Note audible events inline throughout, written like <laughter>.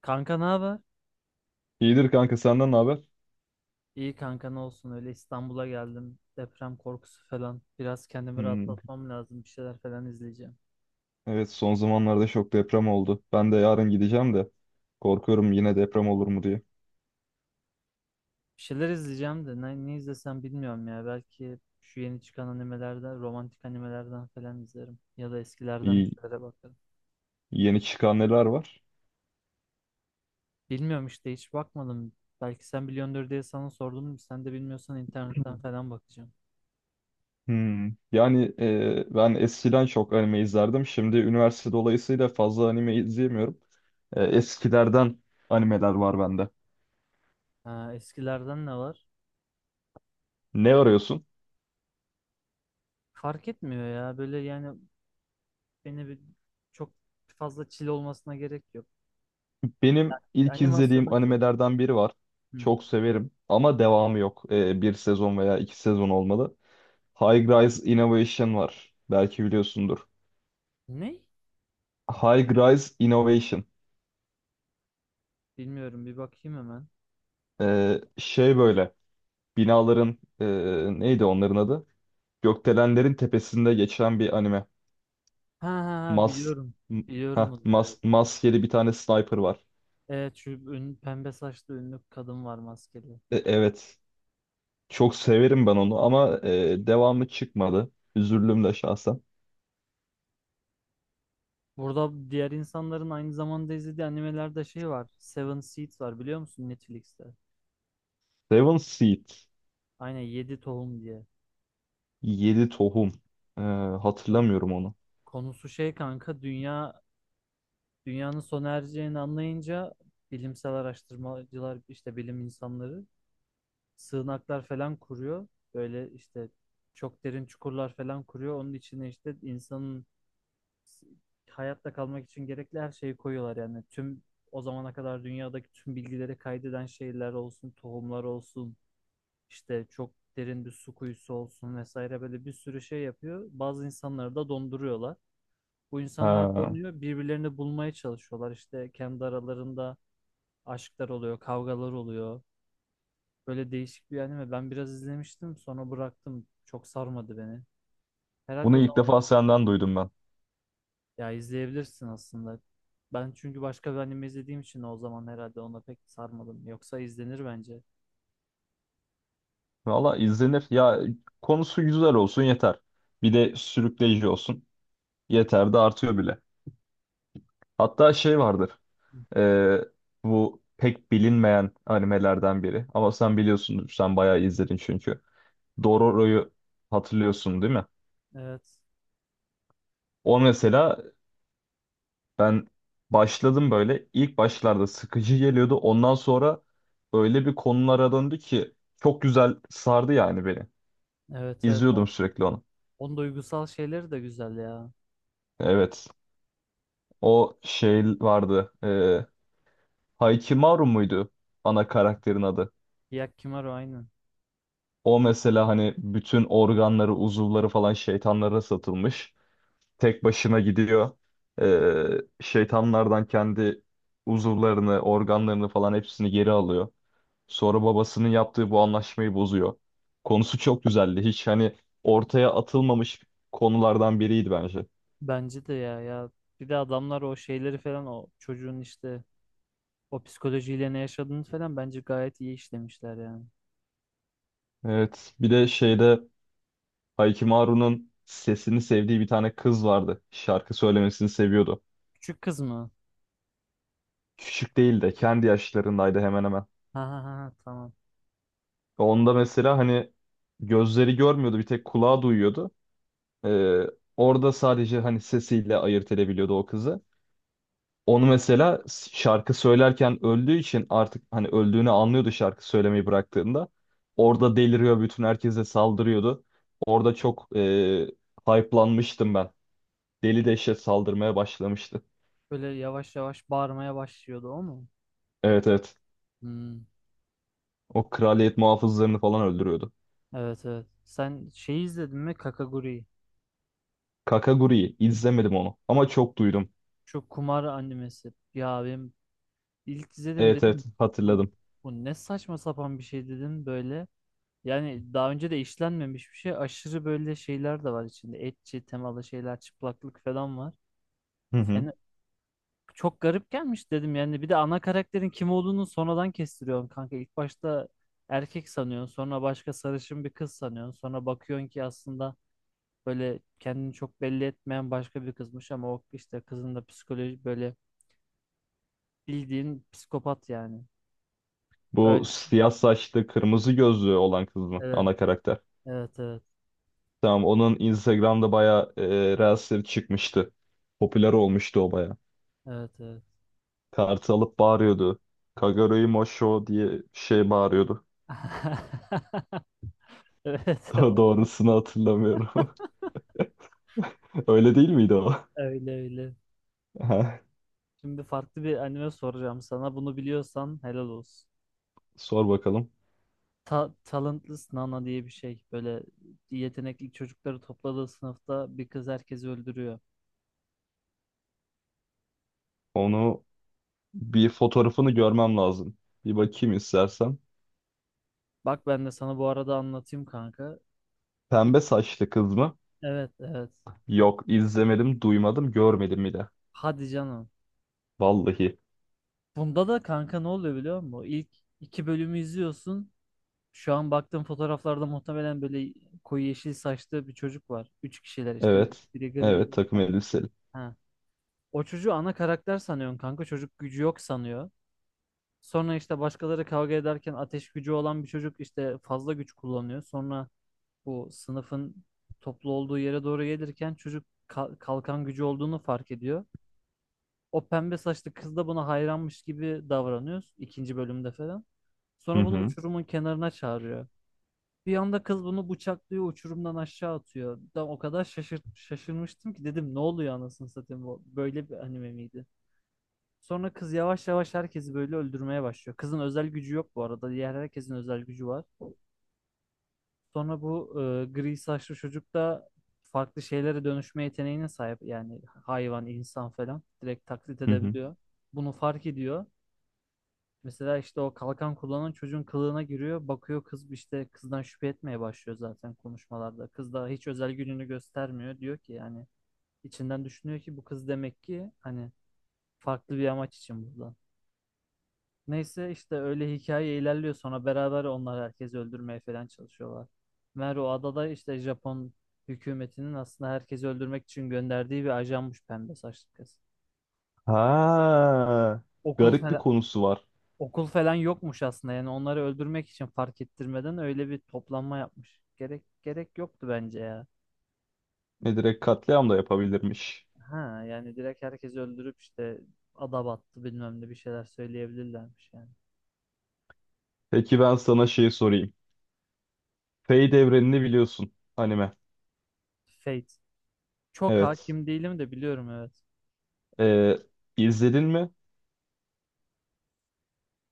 Kanka ne haber? İyidir kanka, senden ne haber? İyi kanka ne olsun öyle İstanbul'a geldim. Deprem korkusu falan. Biraz kendimi Hmm, rahatlatmam lazım. Bir şeyler falan izleyeceğim. evet, son zamanlarda çok deprem oldu. Ben de yarın gideceğim de korkuyorum yine deprem olur mu diye. Bir şeyler izleyeceğim de ne, ne izlesem bilmiyorum ya. Belki şu yeni çıkan animelerden, romantik animelerden falan izlerim. Ya da eskilerden bir İyi, şeylere bakarım. yeni çıkan neler var? Bilmiyorum işte hiç bakmadım. Belki sen biliyordur diye sana sordum. Sen de bilmiyorsan internetten <clears throat> falan bakacağım. Hmm, ben eskiden çok anime izlerdim. Şimdi üniversite dolayısıyla fazla anime izleyemiyorum. Eskilerden animeler var bende. Ha, eskilerden ne var? Ne arıyorsun? Fark etmiyor ya. Böyle yani beni çok fazla çile olmasına gerek yok. Benim ilk izlediğim Animasyonu güzel. animelerden biri var. Hı. Çok severim ama devamı yok. Bir sezon veya iki sezon olmalı. High Rise Innovation var. Belki biliyorsundur. Ne? High Rise Innovation. Bilmiyorum. Bir bakayım hemen. Şey, böyle binaların neydi onların adı? Gökdelenlerin tepesinde geçen bir anime. Ha ha ha Mas biliyorum. m- Biliyorum bunu. Evet. Maskeli bir tane sniper var. Evet şu pembe saçlı ünlü kadın var maskeli. Evet. Çok severim ben onu ama devamı çıkmadı. Üzüldüm de şahsen. Burada diğer insanların aynı zamanda izlediği animelerde şey var. Seven Seeds var biliyor musun Netflix'te? Seven Seed. Aynen 7 tohum diye. Yedi tohum. Ee, Kon- hatırlamıyorum onu. Konusu şey kanka dünya dünyanın sona ereceğini anlayınca bilimsel araştırmacılar işte bilim insanları sığınaklar falan kuruyor. Böyle işte çok derin çukurlar falan kuruyor. Onun içine işte insanın s- hayatta kalmak için gerekli her şeyi koyuyorlar. Yani tüm o zamana kadar dünyadaki tüm bilgileri kaydeden şeyler olsun, tohumlar olsun, işte çok derin bir su kuyusu olsun vesaire böyle bir sürü şey yapıyor. Bazı insanları da donduruyorlar. Bu insanlar Ha, donuyor, birbirlerini bulmaya çalışıyorlar. İşte kendi aralarında aşklar oluyor, kavgalar oluyor. Böyle değişik bir anime. Ben biraz izlemiştim sonra bıraktım. Çok sarmadı beni. Herhalde bunu o ilk zaman defa senden duydum ben. ya izleyebilirsin aslında. Ben çünkü başka bir anime izlediğim için o zaman herhalde ona pek sarmadım. Yoksa izlenir bence. Valla izlenir. Ya, konusu güzel olsun yeter. Bir de sürükleyici olsun. Yeter de artıyor bile. Hatta şey vardır. e, Bu pek bilinmeyen animelerden biri. Ama sen biliyorsundur. Sen bayağı izledin çünkü. Dororo'yu hatırlıyorsun değil mi? Evet. O mesela ben başladım böyle. İlk başlarda sıkıcı geliyordu. Ondan sonra öyle bir konulara döndü ki çok güzel sardı yani beni. Evet evet. İzliyordum sürekli onu. Onun duygusal şeyleri de güzel ya. Evet. O şey vardı. Haikimaru muydu ana karakterin adı? Hyakkimaro aynı. O mesela hani bütün organları, uzuvları falan şeytanlara satılmış. Tek başına gidiyor. Şeytanlardan kendi uzuvlarını, organlarını falan hepsini geri alıyor. Sonra babasının yaptığı bu anlaşmayı bozuyor. Konusu çok güzeldi. Hiç hani ortaya atılmamış konulardan biriydi bence. Bence de ya ya. Bir de adamlar o şeyleri falan o çocuğun işte o psikolojiyle ne yaşadığını falan bence gayet iyi işlemişler yani. Evet. Bir de şeyde Haikimaru'nun sesini sevdiği bir tane kız vardı. Şarkı söylemesini seviyordu. Küçük kız mı? Küçük değil de kendi yaşlarındaydı hemen hemen. Ha ha ha ha, tamam. Onda mesela hani gözleri görmüyordu, bir tek kulağı duyuyordu. Ee, orada sadece hani sesiyle ayırt edebiliyordu o kızı. Onu mesela şarkı söylerken öldüğü için artık hani öldüğünü anlıyordu şarkı söylemeyi bıraktığında. Orada deliriyor, bütün herkese saldırıyordu. Orada çok hype'lanmıştım ben. Deli dehşet saldırmaya başlamıştı. Böyle yavaş yavaş bağırmaya başlıyordu o mu? Evet, evet. Hmm, O kraliyet muhafızlarını falan öldürüyordu. evet evet. Sen şey izledin mi Kakaguri'yi? Kakaguri'yi izlemedim, onu ama çok duydum. Şu kumar animesi. Ya benim ilk izledim Evet, evet, dedim. Bu, hatırladım. bu ne saçma sapan bir şey dedim böyle. Yani daha önce de işlenmemiş bir şey. Aşırı böyle şeyler de var içinde. Etçi temalı şeyler, çıplaklık falan var. Hı hı. Yani çok garip gelmiş dedim. Yani bir de ana karakterin kim olduğunu sonradan kestiriyorsun kanka. İlk başta erkek sanıyorsun. Sonra başka sarışın bir kız sanıyorsun. Sonra bakıyorsun ki aslında böyle kendini çok belli etmeyen başka bir kızmış ama o işte kızın da psikoloji böyle bildiğin psikopat yani. Bu Öyle. siyah saçlı, kırmızı gözlü olan kız mı? Evet. Ana karakter. Evet evet. Tamam, onun Instagram'da bayağı Reels'leri çıkmıştı. Popüler olmuştu o bayağı. Evet evet. Kartı alıp bağırıyordu. Kaguroi Mosho diye bir şey bağırıyordu. <laughs> <laughs> Evet Daha doğrusunu hatırlamıyorum. <laughs> Öyle değil miydi o? <laughs> öyle öyle. Aha, Şimdi farklı bir anime soracağım sana. Bunu biliyorsan helal olsun. sor bakalım. Talentless Nana diye bir şey. Böyle yetenekli çocukları topladığı sınıfta bir kız herkesi öldürüyor. Onu bir fotoğrafını görmem lazım. Bir bakayım istersen. Bak ben de sana bu arada anlatayım kanka. Pembe saçlı kız mı? Evet evet. Yok, izlemedim, duymadım, görmedim bile. Hadi canım. Vallahi. Bunda da kanka ne oluyor biliyor musun? İlk iki bölümü izliyorsun. Şu an baktığım fotoğraflarda muhtemelen böyle koyu yeşil saçlı bir çocuk var. Üç kişiler işte. Evet. Biri gri, Evet, bir takım tane. elbiseli. Ha. O çocuğu ana karakter sanıyorsun kanka. Çocuk gücü yok sanıyor. Sonra işte başkaları kavga ederken ateş gücü olan bir çocuk işte fazla güç kullanıyor. Sonra bu sınıfın toplu olduğu yere doğru gelirken çocuk kalkan gücü olduğunu fark ediyor. O pembe saçlı kız da buna hayranmış gibi davranıyoruz ikinci bölümde falan. Hı Sonra bunu hı. uçurumun kenarına çağırıyor. Bir anda kız bunu bıçaklıyor, uçurumdan aşağı atıyor. Ben o kadar şaşır şaşırmıştım ki dedim ne oluyor anasını satayım bu böyle bir anime miydi? Sonra kız yavaş yavaş herkesi böyle öldürmeye başlıyor. Kızın özel gücü yok bu arada. Diğer herkesin özel gücü var. Sonra bu gri saçlı çocuk da farklı şeylere dönüşme yeteneğine sahip. Yani hayvan, insan falan direkt taklit Hı hı. edebiliyor. Bunu fark ediyor. Mesela işte o kalkan kullanan çocuğun kılığına giriyor. Bakıyor kız işte kızdan şüphe etmeye başlıyor zaten konuşmalarda. Kız da hiç özel gününü göstermiyor. Diyor ki yani içinden düşünüyor ki bu kız demek ki hani farklı bir amaç için burada. Neyse işte öyle hikaye ilerliyor sonra beraber onlar herkesi öldürmeye falan çalışıyorlar. Meğer o adada işte Japon hükümetinin aslında herkesi öldürmek için gönderdiği bir ajanmış pembe saçlı kız. Ha, Okul garip bir falan, konusu var. Okul falan yokmuş aslında. Yani onları öldürmek için fark ettirmeden öyle bir toplanma yapmış. Gerek yoktu bence ya. Ne, direkt katliam da yapabilirmiş. Ha yani direkt herkesi öldürüp işte ada battı bilmem ne bir şeyler söyleyebilirlermiş yani. Peki ben sana şeyi sorayım. Fate evrenini biliyorsun. Anime. Fate. Çok Evet. hakim değilim de biliyorum evet. Ee, izledin mi?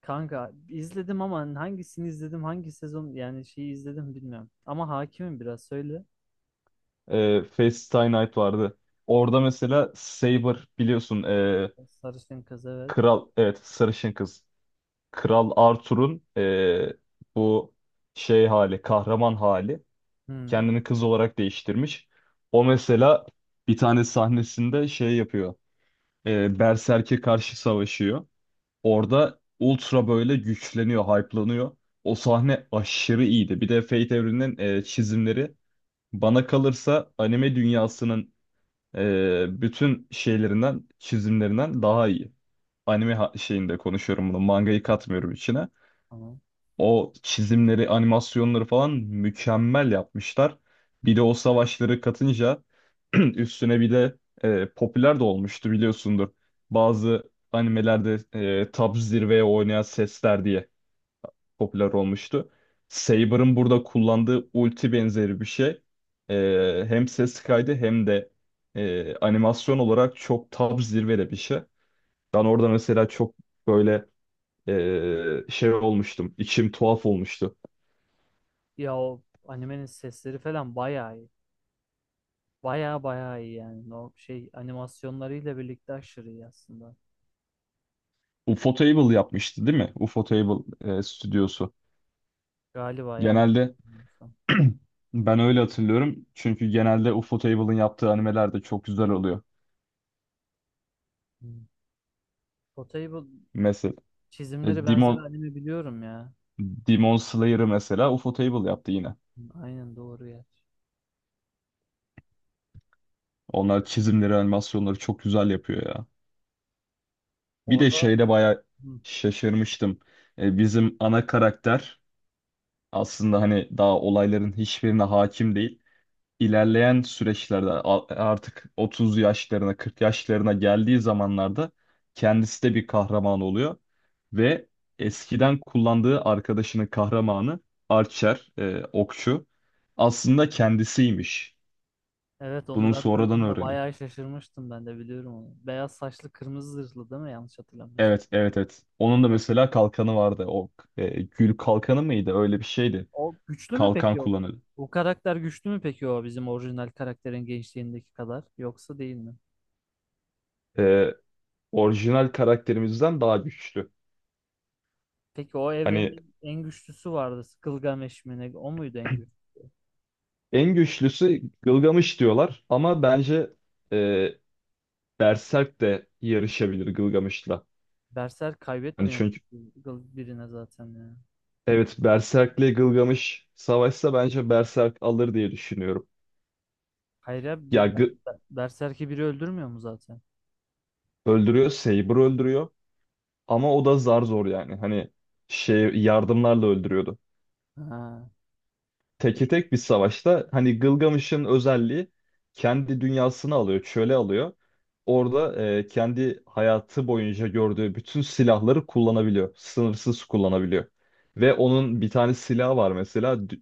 Kanka izledim ama hani hangisini izledim hangi sezon yani şeyi izledim bilmiyorum. Ama hakimim biraz söyle. Fate Stay Night vardı. Orada mesela Saber biliyorsun. Sarışın kız evet. kral, evet, sarışın kız. Kral Arthur'un bu şey hali, kahraman hali. Hı, Kendini kız olarak değiştirmiş. O mesela bir tane sahnesinde şey yapıyor. E, Berserk'e karşı savaşıyor. Orada Ultra böyle güçleniyor, hype'lanıyor. O sahne aşırı iyiydi. Bir de Fate evreninin çizimleri, bana kalırsa, anime dünyasının bütün şeylerinden, çizimlerinden daha iyi. Anime şeyinde konuşuyorum bunu. Mangayı katmıyorum içine. tamam. O çizimleri, animasyonları falan mükemmel yapmışlar. Bir de o savaşları katınca <clears throat> üstüne bir de popüler de olmuştu, biliyorsundur. Bazı animelerde tab zirveye oynayan sesler diye popüler olmuştu. Saber'ın burada kullandığı ulti benzeri bir şey. Hem ses kaydı hem de animasyon olarak çok tab zirvede bir şey. Ben orada mesela çok böyle şey olmuştum. İçim tuhaf olmuştu. Ya o animenin sesleri falan bayağı iyi. Baya baya iyi yani. O şey animasyonlarıyla birlikte aşırı iyi aslında. Ufotable yapmıştı değil mi? Ufotable stüdyosu. Galiba yanlış. Genelde Bilmiyorsam. <clears throat> ben öyle hatırlıyorum. Çünkü genelde Ufotable'ın yaptığı animeler de çok güzel oluyor. Hmm. Potable Mesela e, çizimleri benzer Demon, anime biliyorum ya. Demon Slayer'ı mesela Ufotable yaptı yine. Hmm, aynen doğru ya. Onlar çizimleri, animasyonları çok güzel yapıyor ya. Bir de Orada şeyde bayağı hmm, şaşırmıştım. Bizim ana karakter aslında hani daha olayların hiçbirine hakim değil. İlerleyen süreçlerde artık 30 yaşlarına, 40 yaşlarına geldiği zamanlarda kendisi de bir kahraman oluyor ve eskiden kullandığı arkadaşının kahramanı Archer, okçu, aslında kendisiymiş. evet onu Bunu ben sonradan duyduğumda öğreniyor. bayağı şaşırmıştım ben de biliyorum onu. Beyaz saçlı kırmızı zırhlı değil mi yanlış hatırlamıyorsam. Evet, evet, evet. Onun da mesela kalkanı vardı. O gül kalkanı mıydı? Öyle bir şeydi. O güçlü mü Kalkan peki o? kullanıyordu. Bu karakter güçlü mü peki o bizim orijinal karakterin gençliğindeki kadar yoksa değil mi? E, orijinal karakterimizden daha güçlü. Peki o Hani evrenin en güçlüsü vardı. Gilgamesh mi ne? O muydu en güçlü? en güçlüsü Gılgamış diyorlar ama bence e, Berserk de yarışabilir Gılgamış'la. Berserk Hani kaybetmiyor çünkü mu birine zaten ya. evet, Berserk'le Gılgamış savaşsa bence Berserk alır diye düşünüyorum. Hayır ya Ya Berserk'i biri öldürmüyor mu zaten? öldürüyor, Saber öldürüyor ama o da zar zor yani. Hani şey, yardımlarla öldürüyordu. Ha. Teke E, tek bir savaşta hani Gılgamış'ın özelliği, kendi dünyasını alıyor, çöle alıyor. Orada kendi hayatı boyunca gördüğü bütün silahları kullanabiliyor. Sınırsız kullanabiliyor. Ve onun bir tane silahı var mesela.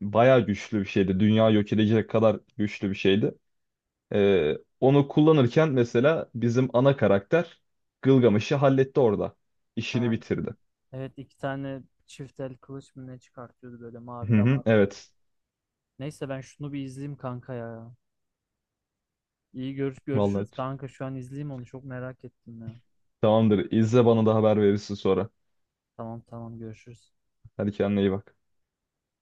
Bayağı güçlü bir şeydi. Dünya yok edecek kadar güçlü bir şeydi. Onu kullanırken mesela bizim ana karakter Gılgamış'ı halletti orada. İşini ha. bitirdi. Evet iki tane çift el kılıç mı ne çıkartıyordu böyle Hı mavi hı, damarlı. evet. Neyse ben şunu bir izleyeyim kanka ya. İyi görüş Vallahi görüşürüz kanka şu an izleyeyim onu çok merak ettim ya. tamamdır. İzle, bana da haber verirsin sonra. Tamam tamam görüşürüz. Hadi kendine iyi bak.